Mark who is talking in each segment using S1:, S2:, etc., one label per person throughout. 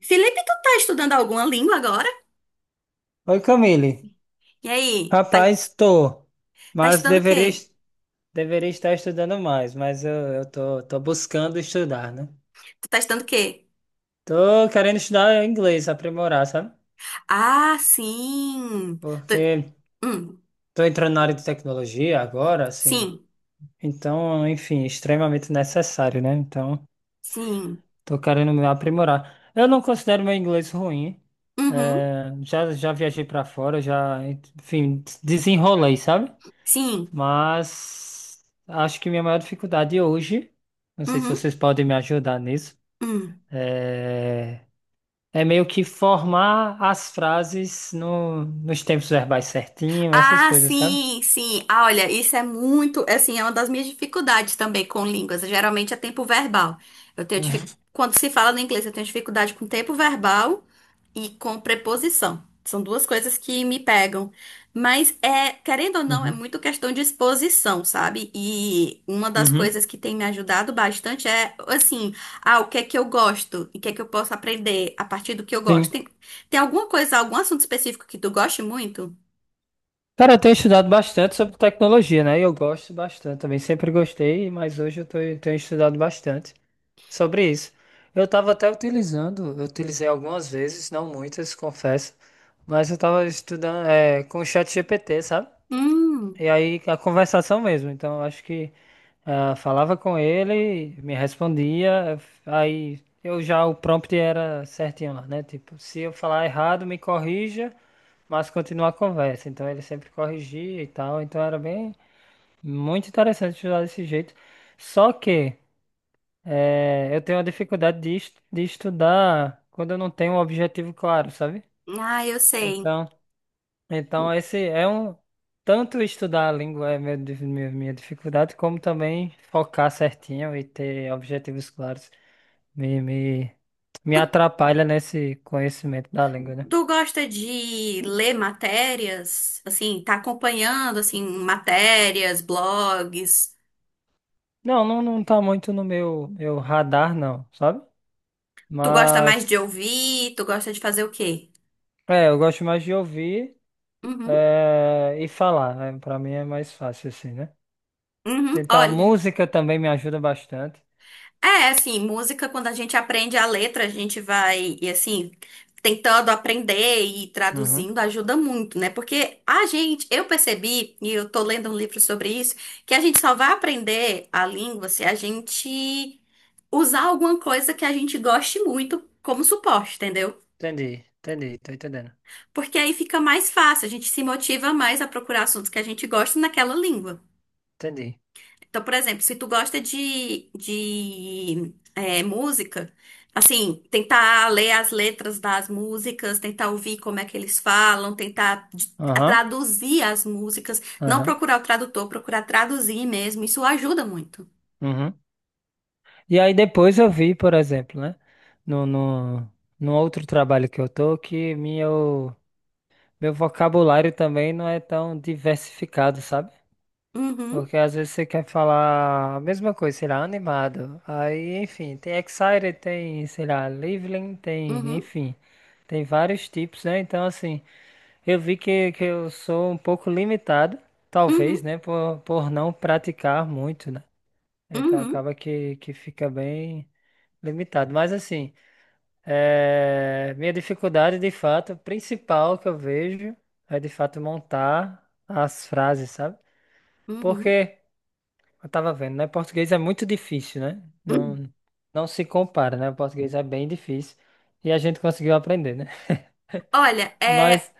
S1: Felipe, tu tá estudando alguma língua agora?
S2: Oi, Camille.
S1: E aí? Tá,
S2: Rapaz, tô,
S1: tá
S2: mas
S1: estudando o
S2: deveria,
S1: quê?
S2: deveria estar estudando mais, mas eu tô, tô buscando estudar, né?
S1: Tu tá estudando o quê?
S2: Tô querendo estudar inglês, aprimorar, sabe?
S1: Ah, sim. Tu-
S2: Porque
S1: hum,
S2: tô entrando na área de tecnologia agora, assim.
S1: sim.
S2: Então, enfim, extremamente necessário, né? Então,
S1: Sim.
S2: tô querendo me aprimorar. Eu não considero meu inglês ruim.
S1: Uhum.
S2: É, já, já viajei para fora, já, enfim, desenrolei, sabe?
S1: Sim.
S2: Mas acho que minha maior dificuldade hoje, não sei se
S1: Uhum.
S2: vocês podem me ajudar nisso,
S1: Hum.
S2: é, é meio que formar as frases no... nos tempos verbais certinho, essas
S1: Ah,
S2: coisas, sabe?
S1: sim, sim. Ah, olha, isso é muito, assim, é uma das minhas dificuldades também com línguas. Geralmente é tempo verbal.
S2: Uhum,
S1: Quando se fala no inglês, eu tenho dificuldade com tempo verbal e com preposição. São duas coisas que me pegam. Mas é, querendo ou não, é
S2: uhum,
S1: muito questão de exposição, sabe? E uma das
S2: uhum.
S1: coisas que tem me ajudado bastante é, assim, ah, o que é que eu gosto? E o que é que eu posso aprender a partir do que eu gosto?
S2: Sim.
S1: Tem alguma coisa, algum assunto específico que tu goste muito?
S2: Cara, eu tenho estudado bastante sobre tecnologia, né? E eu gosto bastante também, sempre gostei, mas hoje eu tenho estudado bastante sobre isso. Eu estava até utilizando, eu utilizei algumas vezes, não muitas, confesso, mas eu estava estudando é, com o ChatGPT, sabe?
S1: Hum.
S2: E aí a conversação mesmo. Então eu acho que ah, falava com ele, me respondia, aí eu já o prompt era certinho lá, né? Tipo, se eu falar errado, me corrija, mas continua a conversa. Então ele sempre corrigia e tal. Então era bem muito interessante estudar desse jeito. Só que eu tenho uma dificuldade de, de estudar quando eu não tenho um objetivo claro, sabe?
S1: Ah, eu sei.
S2: Então então, esse é um. Tanto estudar a língua é meu, minha dificuldade, como também focar certinho e ter objetivos claros me, me, me
S1: Tu,
S2: atrapalha nesse conhecimento da língua, né?
S1: tu gosta de ler matérias? Assim, tá acompanhando, assim, matérias, blogs?
S2: Não, não, não tá muito no meu, meu radar, não, sabe?
S1: Tu gosta mais de
S2: Mas,
S1: ouvir? Tu gosta de fazer o quê?
S2: é, eu gosto mais de ouvir
S1: Uhum,
S2: é, e falar, né? Pra mim é mais fácil assim, né?
S1: uhum.
S2: Tentar
S1: Olha.
S2: música também me ajuda bastante.
S1: É, assim, música, quando a gente aprende a letra, a gente vai, e assim, tentando aprender e
S2: Uhum.
S1: traduzindo ajuda muito, né? Porque a gente, eu percebi, e eu tô lendo um livro sobre isso, que a gente só vai aprender a língua se a gente usar alguma coisa que a gente goste muito como suporte, entendeu?
S2: Entendi, entendi, tô entendendo.
S1: Porque aí fica mais fácil, a gente se motiva mais a procurar assuntos que a gente gosta naquela língua.
S2: Entendi.
S1: Então, por exemplo, se tu gosta de música, assim, tentar ler as letras das músicas, tentar ouvir como é que eles falam, tentar a
S2: Aham,
S1: traduzir as músicas, não
S2: aham.
S1: procurar o tradutor, procurar traduzir mesmo, isso ajuda muito.
S2: Uhum. E aí depois eu vi, por exemplo, né? No, no, no outro trabalho que eu tô, que meu vocabulário também não é tão diversificado, sabe?
S1: Uhum,
S2: Porque às vezes você quer falar a mesma coisa, sei lá, animado. Aí, enfim, tem excited, tem, sei lá, lively, tem,
S1: uhum,
S2: enfim, tem vários tipos, né? Então, assim, eu vi que eu sou um pouco limitado, talvez,
S1: uhum,
S2: né? Por não praticar muito, né? Então
S1: uhum,
S2: acaba que fica bem. Limitado. Mas assim, é, minha dificuldade de fato, principal que eu vejo é de fato montar as frases, sabe?
S1: uhum,
S2: Porque eu tava vendo, né? Português é muito difícil, né?
S1: uhum.
S2: Não, não se compara, né? O português é bem difícil e a gente conseguiu aprender, né?
S1: Olha,
S2: Mas,
S1: é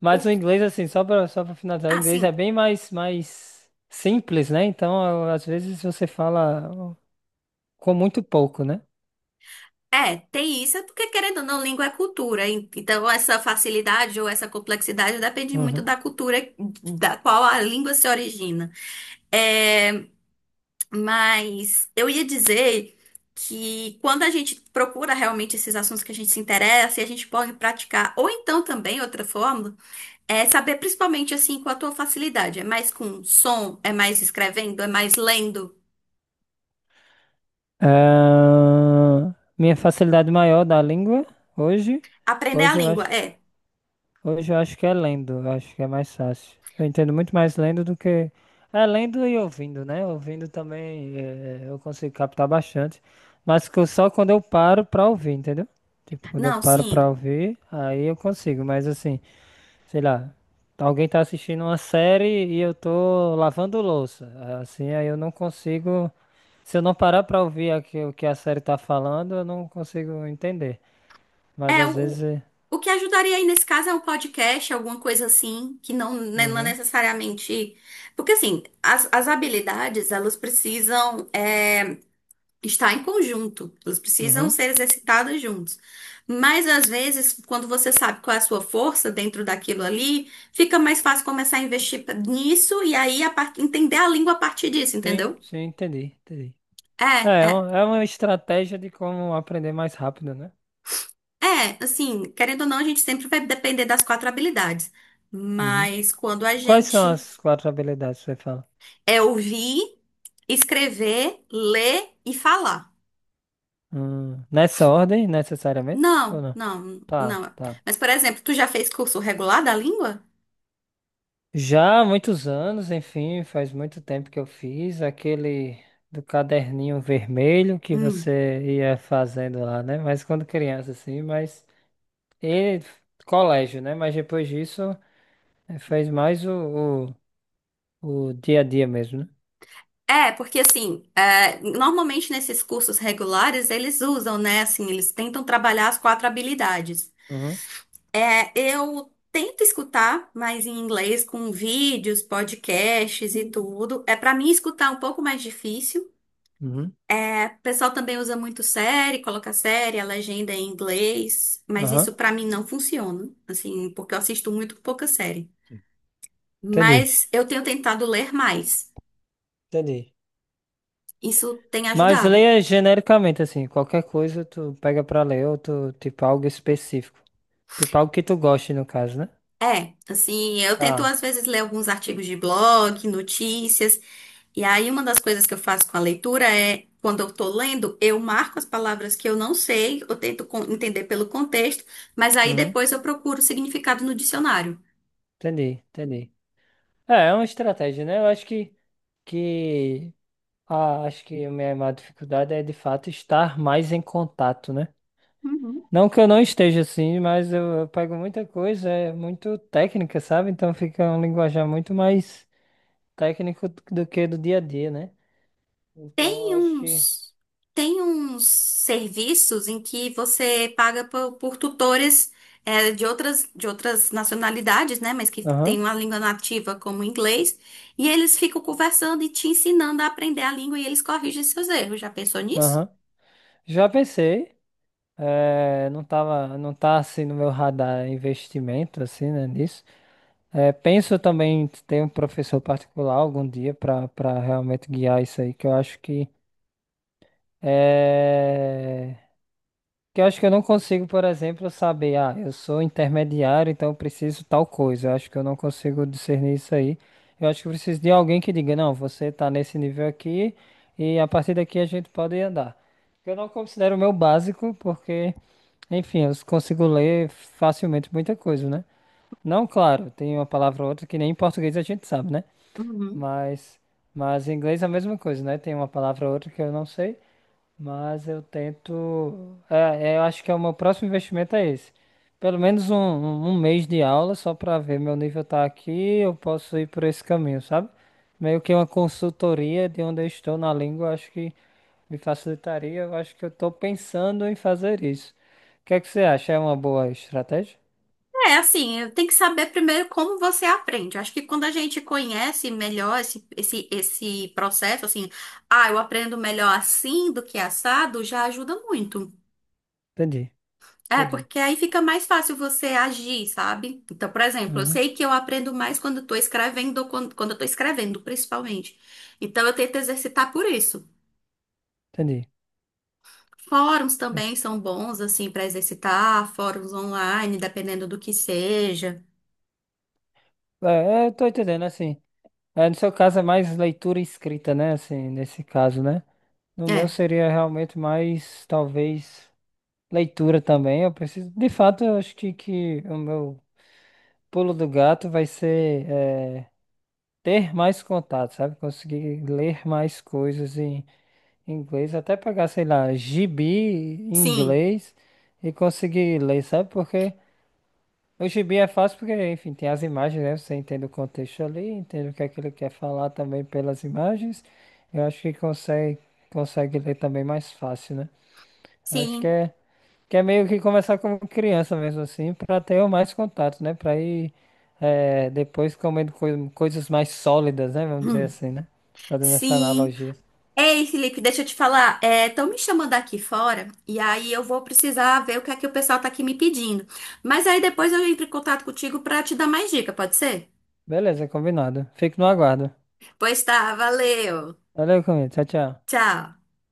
S2: mas
S1: o
S2: o inglês, assim, só para finalizar, o
S1: ah,
S2: inglês é
S1: sim.
S2: bem mais, mais simples, né? Então, às vezes você fala com muito pouco, né?
S1: É, tem isso, é porque querendo ou não, língua é cultura. Então, essa facilidade ou essa complexidade depende muito
S2: Uhum.
S1: da cultura da qual a língua se origina. É, mas eu ia dizer que quando a gente procura realmente esses assuntos que a gente se interessa e a gente pode praticar, ou então também outra forma, é saber principalmente assim com a tua facilidade. É mais com som, é mais escrevendo, é mais lendo.
S2: Ah, minha facilidade maior da língua hoje,
S1: Aprender a
S2: hoje eu
S1: língua,
S2: acho,
S1: é.
S2: hoje eu acho que é lendo, eu acho que é mais fácil. Eu entendo muito mais lendo do que é lendo e ouvindo, né? Ouvindo também eu consigo captar bastante, mas que eu só quando eu paro pra ouvir, entendeu? Tipo, quando eu
S1: Não,
S2: paro pra
S1: sim.
S2: ouvir, aí eu consigo, mas assim, sei lá, alguém tá assistindo uma série e eu tô lavando louça, assim, aí eu não consigo se eu não parar pra ouvir aqui o que a série tá falando, eu não consigo entender. Mas
S1: É,
S2: às vezes.
S1: o que ajudaria aí nesse caso é um podcast, alguma coisa assim, que não, né, não é
S2: Uhum,
S1: necessariamente. Porque, assim, as habilidades, elas precisam estar em conjunto, elas precisam
S2: uhum.
S1: ser exercitadas juntos. Mas, às vezes, quando você sabe qual é a sua força dentro daquilo ali, fica mais fácil começar a investir nisso e aí a entender a língua a partir disso,
S2: Sim,
S1: entendeu?
S2: sim, entendi, entendi.
S1: É, é.
S2: É uma estratégia de como aprender mais rápido, né?
S1: É, assim, querendo ou não, a gente sempre vai depender das quatro habilidades.
S2: Uhum.
S1: Mas quando a
S2: Quais são
S1: gente
S2: as quatro habilidades que você fala?
S1: é ouvir, escrever, ler e falar.
S2: Nessa ordem, necessariamente? Ou
S1: Não,
S2: não?
S1: não,
S2: Tá,
S1: não.
S2: tá.
S1: Mas, por exemplo, tu já fez curso regular da língua?
S2: Já há muitos anos, enfim, faz muito tempo que eu fiz aquele do caderninho vermelho que
S1: Hum.
S2: você ia fazendo lá, né? Mas quando criança, assim, mas. E colégio, né? Mas depois disso fez mais o, o dia a dia mesmo, né?
S1: É, porque assim, é, normalmente nesses cursos regulares eles usam, né? Assim, eles tentam trabalhar as quatro habilidades.
S2: Uhum,
S1: É, eu tento escutar mais em inglês com vídeos, podcasts e tudo. É para mim escutar é um pouco mais difícil.
S2: uhum,
S1: É, o pessoal também usa muito série, coloca série, a legenda é em inglês, mas
S2: aham.
S1: isso para mim não funciona, assim, porque eu assisto muito pouca série.
S2: Entendi,
S1: Mas eu tenho tentado ler mais.
S2: entendi.
S1: Isso tem
S2: Mas
S1: ajudado.
S2: leia genericamente, assim, qualquer coisa tu pega pra ler ou tu, tipo, algo específico. Tipo, algo que tu goste, no caso, né?
S1: É, assim, eu tento
S2: Ah,
S1: às vezes ler alguns artigos de blog, notícias, e aí uma das coisas que eu faço com a leitura é, quando eu tô lendo, eu marco as palavras que eu não sei, eu tento entender pelo contexto, mas aí
S2: uhum,
S1: depois eu procuro o significado no dicionário.
S2: entendi, entendi. É, é uma estratégia, né? Eu acho que, ah, acho que a minha maior dificuldade é, de fato, estar mais em contato, né?
S1: Uhum.
S2: Não que eu não esteja assim, mas eu pego muita coisa, é muito técnica, sabe? Então fica um linguajar muito mais técnico do que do dia a dia, né? Então
S1: Tem
S2: eu acho que.
S1: uns, tem uns serviços em que você paga por tutores é, de outras nacionalidades, né? Mas que
S2: Aham,
S1: tem uma língua nativa como o inglês, e eles ficam conversando e te ensinando a aprender a língua e eles corrigem seus erros. Já pensou nisso?
S2: aham. Já pensei, não tava, não tá assim no meu radar investimento, assim, né, nisso. Penso também em ter um professor particular algum dia para realmente guiar isso aí, que eu acho que. eh, Que eu acho que eu não consigo, por exemplo, saber, ah, eu sou intermediário, então eu preciso tal coisa. Eu acho que eu não consigo discernir isso aí. Eu acho que eu preciso de alguém que diga, não, você tá nesse nível aqui e a partir daqui a gente pode andar. Eu não considero o meu básico, porque, enfim, eu consigo ler facilmente muita coisa, né? Não, claro, tem uma palavra ou outra que nem em português a gente sabe, né?
S1: Uhum.
S2: Mas, mas em inglês é a mesma coisa, né? Tem uma palavra ou outra que eu não sei. Mas eu tento. É, é, eu acho que é o meu próximo investimento é esse. Pelo menos um mês de aula, só para ver meu nível tá aqui, eu posso ir por esse caminho, sabe? Meio que uma consultoria de onde eu estou na língua, eu acho que me facilitaria. Eu acho que eu estou pensando em fazer isso. O que é que você acha? É uma boa estratégia?
S1: É, assim, tem que saber primeiro como você aprende. Eu acho que quando a gente conhece melhor esse processo, assim, ah, eu aprendo melhor assim do que assado, já ajuda muito.
S2: Entendi,
S1: É,
S2: entendi.
S1: porque aí fica mais fácil você agir, sabe? Então, por exemplo, eu
S2: Uhum,
S1: sei que eu aprendo mais quando estou escrevendo, ou quando eu tô escrevendo, principalmente. Então, eu tento exercitar por isso.
S2: entendi.
S1: Fóruns
S2: Entendi.
S1: também são bons, assim, para exercitar, fóruns online, dependendo do que seja.
S2: É, é, eu tô entendendo, assim. É, no seu caso é mais leitura e escrita, né? Assim, nesse caso, né? No meu
S1: É,
S2: seria realmente mais, talvez, leitura também. Eu preciso, de fato, eu acho que o meu pulo do gato vai ser ter mais contato, sabe? Conseguir ler mais coisas em inglês, até pegar, sei lá, gibi em
S1: sim,
S2: inglês e conseguir ler, sabe? Porque o gibi é fácil porque, enfim, tem as imagens, né? Você entende o contexto ali, entende o que é que ele quer falar também pelas imagens. Eu acho que consegue, consegue ler também mais fácil, né? Acho que
S1: sim.
S2: é Que é meio que começar como criança mesmo assim, para ter mais contato, né? Para ir depois comendo coisas mais sólidas, né? Vamos dizer
S1: Hum,
S2: assim, né? Fazendo essa
S1: sim.
S2: analogia.
S1: Ei, Felipe, deixa eu te falar. Estão me chamando aqui fora e aí eu vou precisar ver o que é que o pessoal tá aqui me pedindo. Mas aí depois eu entro em contato contigo para te dar mais dica, pode ser?
S2: Beleza, combinado. Fico no aguardo.
S1: Pois tá, valeu.
S2: Valeu, comigo. Tchau, tchau.
S1: Tchau.